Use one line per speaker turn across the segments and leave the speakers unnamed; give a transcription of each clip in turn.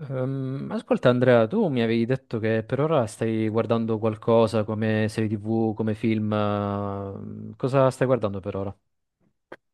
Ascolta Andrea, tu mi avevi detto che per ora stai guardando qualcosa come serie TV, come film. Cosa stai guardando per ora?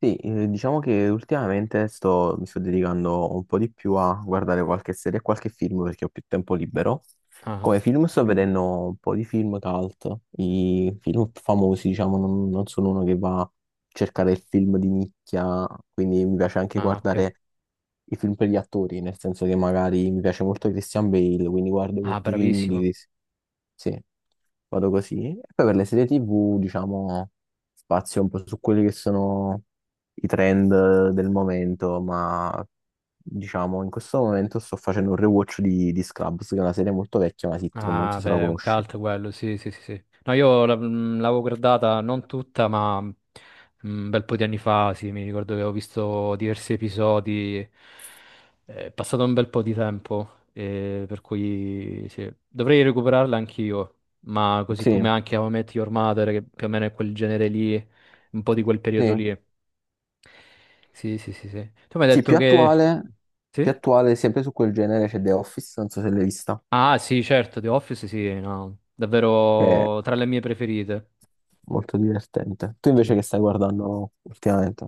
Sì, diciamo che ultimamente mi sto dedicando un po' di più a guardare qualche serie e qualche film perché ho più tempo libero.
Ah,
Come film sto
ok.
vedendo un po' di film cult, i film famosi, diciamo, non sono uno che va a cercare il film di nicchia, quindi mi piace anche
Ah, ok.
guardare i film per gli attori, nel senso che magari mi piace molto Christian Bale, quindi guardo
Ah,
molti film di
bravissimo.
Chris. Sì, vado così. E poi per le serie TV, diciamo, spazio un po' su quelli che sono i trend del momento, ma diciamo in questo momento sto facendo un rewatch di Scrubs, che è una serie molto vecchia, una sitcom, non
Ah,
so se la
beh, è un
conosci.
cult quello, sì, sì, sì, sì. No, l'avevo guardata non tutta, un bel po' di anni fa, sì, mi ricordo che avevo visto diversi episodi. È passato un bel po' di tempo, per cui sì, dovrei recuperarla anch'io, ma così
Sì,
come anche How I Met Your Mother, che più o meno è quel genere lì, un po' di quel periodo
sì.
lì. Sì, sì, sì, sì. Tu mi hai
Sì,
detto che...
più
Sì?
attuale, sempre su quel genere c'è The Office, non so se l'hai vista,
Ah, sì, certo, The Office, sì, no,
che è
davvero tra le mie preferite.
molto divertente. Tu invece
Sì.
che stai guardando ultimamente?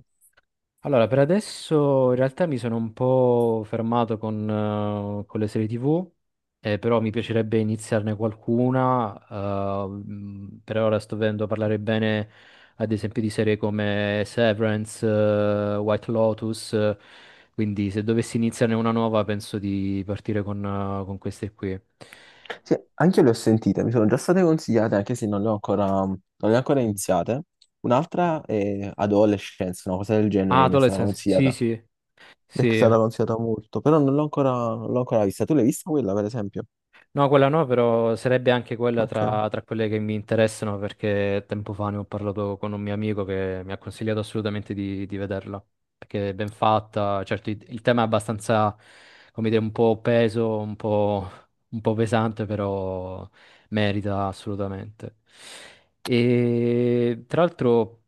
Allora, per adesso in realtà mi sono un po' fermato con le serie TV, però mi piacerebbe iniziarne qualcuna. Per ora sto vedendo parlare bene, ad esempio, di serie come Severance, White Lotus, quindi se dovessi iniziarne una nuova penso di partire con queste qui.
Sì, anche io le ho sentite, mi sono già state consigliate, anche se non le ho ancora
Mm.
iniziate. Un'altra è Adolescence, una cosa del genere
Ah,
che mi è stata
Adolescence, sì,
consigliata.
sì,
Mi è
sì.
stata consigliata molto, però non l'ho ancora vista. Tu l'hai vista quella, per esempio?
No, quella no, però sarebbe anche quella
Ok.
tra quelle che mi interessano perché tempo fa ne ho parlato con un mio amico che mi ha consigliato assolutamente di vederla, perché è ben fatta, certo il tema è abbastanza, come dire, un po' peso, un po' pesante, però merita assolutamente. E tra l'altro...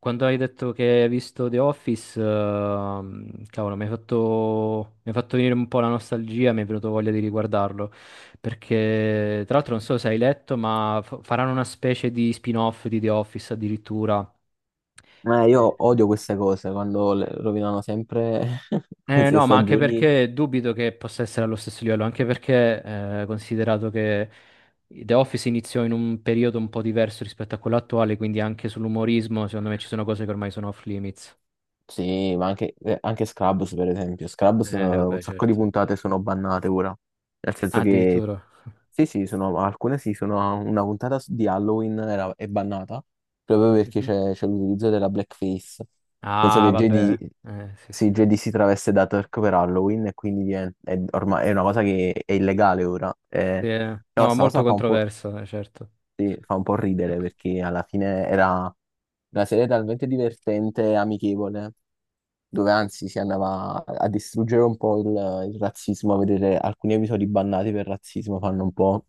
Quando hai detto che hai visto The Office, cavolo, mi hai fatto venire un po' la nostalgia, mi è venuto voglia di riguardarlo. Perché, tra l'altro, non so se hai letto, ma faranno una specie di spin-off di The Office addirittura.
Io
Eh,
odio queste cose quando le rovinano sempre queste
no, ma anche
stagioni.
perché dubito che possa essere allo stesso livello, anche perché, considerato che The Office iniziò in un periodo un po' diverso rispetto a quello attuale, quindi anche sull'umorismo, secondo me ci sono cose che ormai sono off limits.
Sì, ma anche, anche Scrubs, per esempio. Scrubs, un
Vabbè,
sacco di
certo.
puntate sono bannate ora. Nel
Ah,
senso che
addirittura.
sì, sì, sono, alcune sì, sono una di Halloween è bannata proprio perché
Mhm.
c'è l'utilizzo della blackface. Nel senso
Ah,
che
vabbè.
JD,
Sì, sì.
sì, JD si traveste da Turk per Halloween e quindi è, ormai, è una cosa che è illegale ora.
Sì, eh.
Però
No,
sta
molto
cosa fa un po',
controverso, certo.
sì, fa un po' ridere perché alla fine era una serie talmente divertente e amichevole, dove anzi si andava a distruggere un po' il razzismo, a vedere alcuni episodi bannati per razzismo fanno un po'.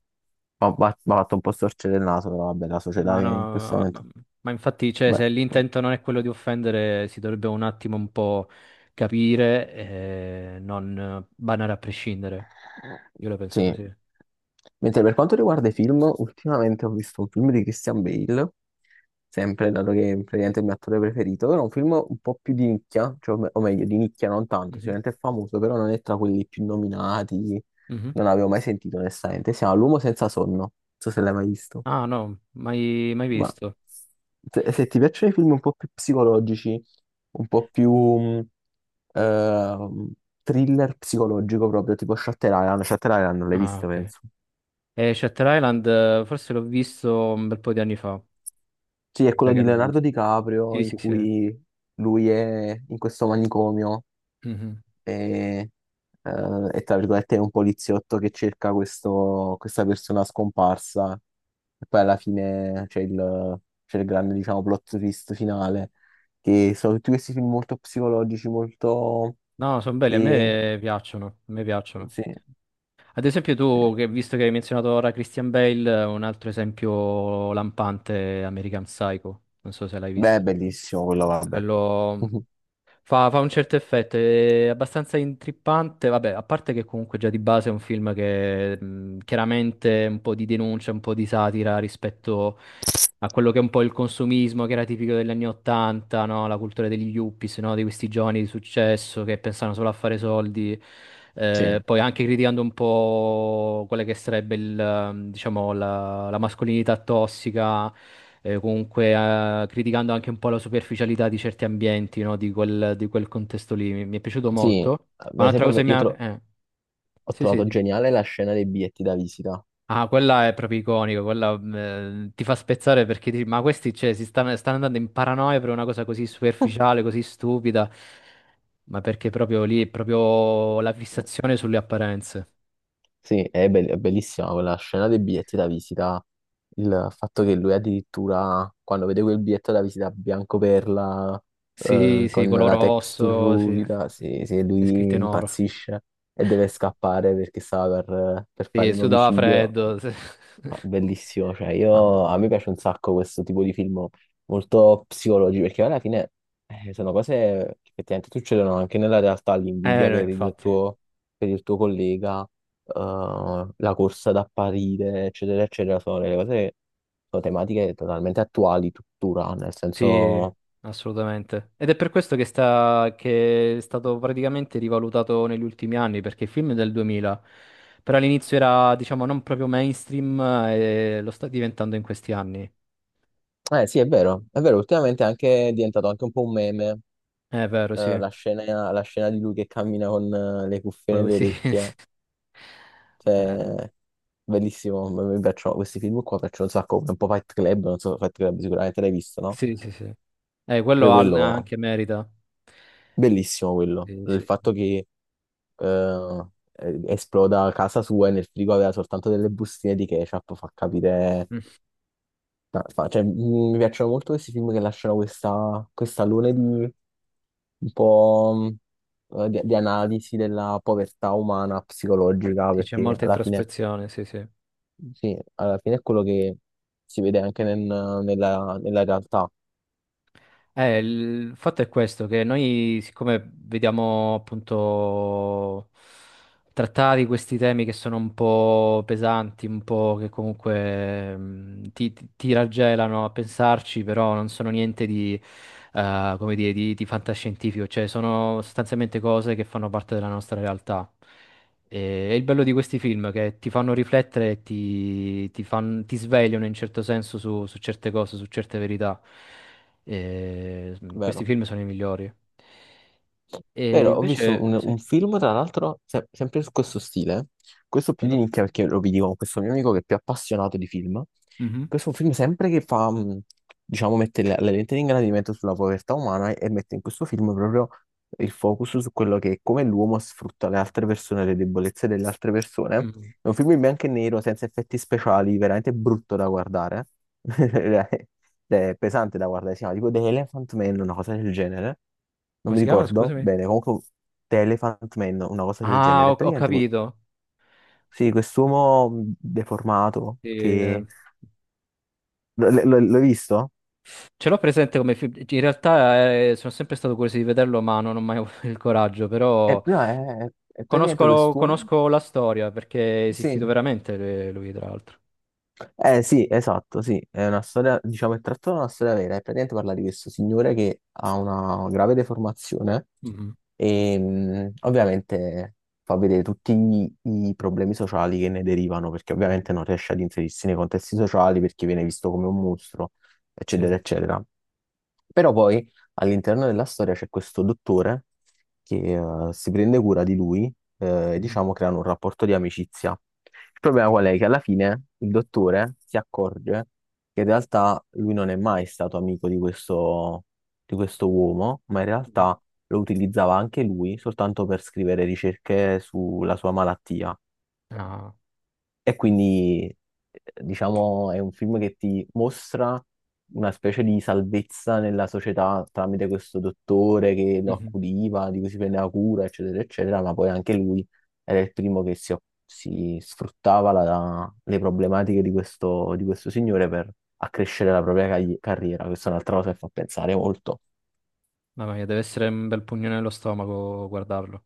Ho fatto un po' storcere il naso, però vabbè, la società
Ma no,
che in questo
ma-
momento...
Ma infatti, cioè,
Beh,
se l'intento non è quello di offendere, si dovrebbe un attimo un po' capire e non banare a prescindere. Io la penso
sì.
così.
Mentre per quanto riguarda i film, ultimamente ho visto un film di Christian Bale, sempre dato che praticamente è il mio attore preferito, però è un film un po' più di nicchia, cioè, o meglio, di nicchia non tanto,
Mhm.
sicuramente è famoso, però non è tra quelli più nominati,
Mhm.
non avevo mai sentito onestamente. Si chiama L'uomo senza sonno, non so se l'hai mai visto.
Ah, no, mai, mai
Ma
visto.
se ti piacciono i film un po' più psicologici, un po' più ehm, thriller psicologico proprio, tipo Shutter Island, Shutter Island non l'hai
Ah,
visto,
ok.
penso.
E Shutter Island, forse l'ho visto un bel po' di anni fa.
Sì, è
Mi sa
quello
che
di
l'ho
Leonardo
visto.
DiCaprio
Sì,
in
sì, sì.
cui lui è in questo manicomio
Mhm.
e, è, tra virgolette, è un poliziotto che cerca questa persona scomparsa. E poi alla fine c'è il grande, diciamo, plot twist finale, che sono tutti questi film molto psicologici, molto...
No, sono belli, a
che...
me piacciono, a me piacciono.
Sì,
Ad esempio
sì.
tu, che, visto che hai menzionato ora Christian Bale, un altro esempio lampante è American Psycho, non so se l'hai
Beh, è
visto.
bellissimo quello, vabbè.
Quello Fa un certo effetto, è abbastanza intrippante, vabbè, a parte che comunque già di base è un film che chiaramente un po' di denuncia, un po' di satira rispetto a quello che è un po' il consumismo che era tipico degli anni Ottanta, no? La cultura degli yuppies, no? Di questi giovani di successo che pensano solo a fare soldi.
Sì.
Poi anche criticando un po' quella che sarebbe il, diciamo, la mascolinità tossica, comunque criticando anche un po' la superficialità di certi ambienti, no, di quel contesto lì. Mi è piaciuto
Sì,
molto.
per
Ma un'altra cosa
esempio,
che mi ha...
ho
sì, sì.
trovato geniale la scena dei biglietti da visita.
Ah, quella è proprio iconica, quella, ti fa spezzare perché dici, ma questi cioè, stanno andando in paranoia per una cosa così superficiale, così stupida, ma perché proprio lì è proprio la fissazione sulle apparenze.
Sì, è bellissima quella scena dei biglietti da visita, il fatto che lui addirittura quando vede quel biglietto da visita bianco perla,
Sì, sì,
con
color
la texture
rosso, sì,
ruvida, se
è scritto
lui
in oro.
impazzisce e deve scappare perché stava per fare
Sì,
un
sudava
omicidio.
freddo. Sì.
Ah, bellissimo, cioè
Mamma
io, a
mia.
me piace un sacco questo tipo di film molto psicologi perché alla fine sono cose che effettivamente succedono anche nella realtà, l'invidia
No, infatti,
per il tuo collega, la corsa ad apparire, eccetera, eccetera, sono delle cose, sono tematiche totalmente attuali tuttora, nel
sì,
senso,
assolutamente. Ed è per questo che è stato praticamente rivalutato negli ultimi anni, perché il film è del 2000, però all'inizio era, diciamo, non proprio mainstream, e lo sta diventando in questi anni.
eh sì è vero, ultimamente è diventato anche un po' un meme,
È vero, sì.
la scena di lui che cammina con le cuffie
Quello
nelle
sì.
orecchie,
Eh,
cioè bellissimo, mi piacciono questi film qua, piacciono un sacco, come un po' Fight Club, non so, Fight Club sicuramente l'hai visto, no?
sì, sì, sì. Eh, quello
Pure
ha-
quello,
anche merita.
bellissimo quello,
Sì,
il
sì, sì.
fatto che eh, esploda casa sua e nel frigo aveva soltanto delle bustine di ketchup, fa capire...
Mm.
no, cioè, mi piacciono molto questi film che lasciano questa, questa luna di un po' di analisi della povertà umana, psicologica,
Sì, c'è
perché
molta
alla fine,
introspezione, sì, sì.
sì, alla fine è quello che si vede anche nella nella realtà.
Il fatto è questo, che noi siccome vediamo appunto trattati questi temi che sono un po' pesanti, un po' che comunque ti raggelano a pensarci, però non sono niente di, come dire, di fantascientifico, cioè sono sostanzialmente cose che fanno parte della nostra realtà. E il bello di questi film è che ti fanno riflettere e ti svegliano in certo senso su su certe cose, su certe verità. Questi
Vero.
film sono i migliori. E
Vero, ho
invece,
visto
sì,
un film, tra l'altro, sempre su questo stile, questo più di
vero?
nicchia perché lo vedi con questo mio amico che è più appassionato di film.
Mhm.
Questo è un film sempre che fa, diciamo, mette le lenti di ingrandimento sulla povertà umana e mette in questo film proprio il focus su quello che è come l'uomo sfrutta le altre persone, le debolezze delle altre persone.
Mm.
È un film in bianco e nero, senza effetti speciali, veramente brutto da guardare. Ed è pesante da guardare, si chiama tipo The Elephant Man, una cosa del genere. Non
Come
mi
si chiama?
ricordo
Scusami.
bene, comunque The Elephant Man, una cosa del
Ah,
genere.
ho, ho capito.
Sì, quest'uomo deformato
Eh,
che... L'hai visto?
ce l'ho presente come film. In realtà sono sempre stato curioso di vederlo, ma non ho mai avuto il coraggio.
È,
Però
no, è praticamente
conosco,
quest'uomo...
conosco la storia perché è
Sì.
esistito veramente, lui, tra l'altro.
Eh sì, esatto, sì. È una storia, diciamo, è tratta da una storia vera. E praticamente parla di questo signore che ha una grave deformazione.
Mhm.
E ovviamente fa vedere tutti i problemi sociali che ne derivano, perché
Mhm.
ovviamente non riesce ad inserirsi nei contesti sociali perché viene visto come un mostro,
Sì.
eccetera, eccetera. Però poi all'interno della storia c'è questo dottore che si prende cura di lui, e
Mhm.
diciamo creano un rapporto di amicizia. Il problema qual è? Che alla fine il dottore si accorge che in realtà lui non è mai stato amico di questo uomo, ma in
Mhm.
realtà lo utilizzava anche lui soltanto per scrivere ricerche sulla sua malattia.
Ah.
E quindi, diciamo, è un film che ti mostra una specie di salvezza nella società tramite questo dottore che lo
Mhm.
accudiva, di cui si prendeva cura, eccetera, eccetera, ma poi anche lui era il primo che si sfruttava le problematiche di questo signore per accrescere la propria carriera. Questa è un'altra cosa che fa pensare molto.
Mamma mia, deve essere un bel pugno nello stomaco guardarlo.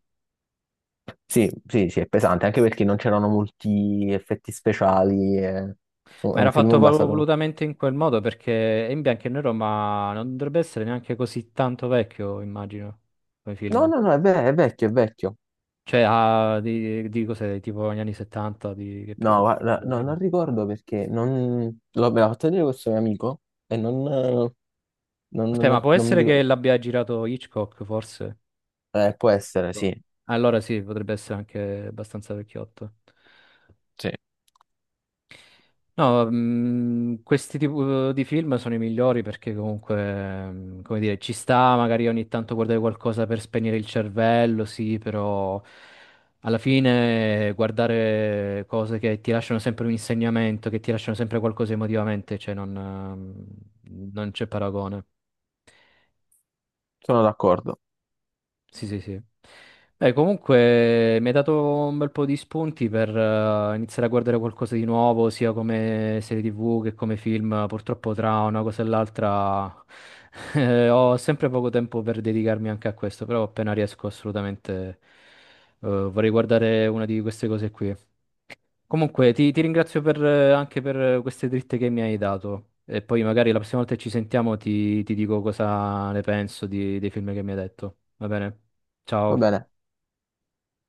Sì, sì, sì, è pesante, anche perché non c'erano molti effetti
Mm.
speciali. Eh. È
Ma era
un
fatto
film basato.
volutamente in quel modo perché è in bianco e nero, ma non dovrebbe essere neanche così tanto vecchio, immagino, come
No,
film.
no, no, è vecchio, è vecchio.
Cioè, di cos'è, tipo negli anni 70, di che
No,
periodo? Forse
guarda,
proprio
no,
prima.
non ricordo perché non... me l'ha fatto vedere questo mio amico e non,
Aspetta, ma può
non mi
essere
ricordo.
che l'abbia girato Hitchcock, forse?
Può essere,
Hitchcock.
sì,
Allora sì, potrebbe essere anche abbastanza vecchiotto.
sì,
No, questi tipi di film sono i migliori perché comunque, come dire, ci sta magari ogni tanto guardare qualcosa per spegnere il cervello, sì, però alla fine guardare cose che ti lasciano sempre un insegnamento, che ti lasciano sempre qualcosa emotivamente, cioè non c'è paragone.
sono d'accordo.
Sì, sì, sì. Beh, comunque mi hai dato un bel po' di spunti per, iniziare a guardare qualcosa di nuovo, sia come serie TV che come film. Purtroppo tra una cosa e l'altra ho sempre poco tempo per dedicarmi anche a questo, però appena riesco assolutamente, vorrei guardare una di queste cose qui. Comunque, ti ringrazio per, anche per queste dritte che mi hai dato. E poi magari la prossima volta che ci sentiamo ti dico cosa ne penso dei film che mi hai detto. Va bene?
Va
Ciao.
bene.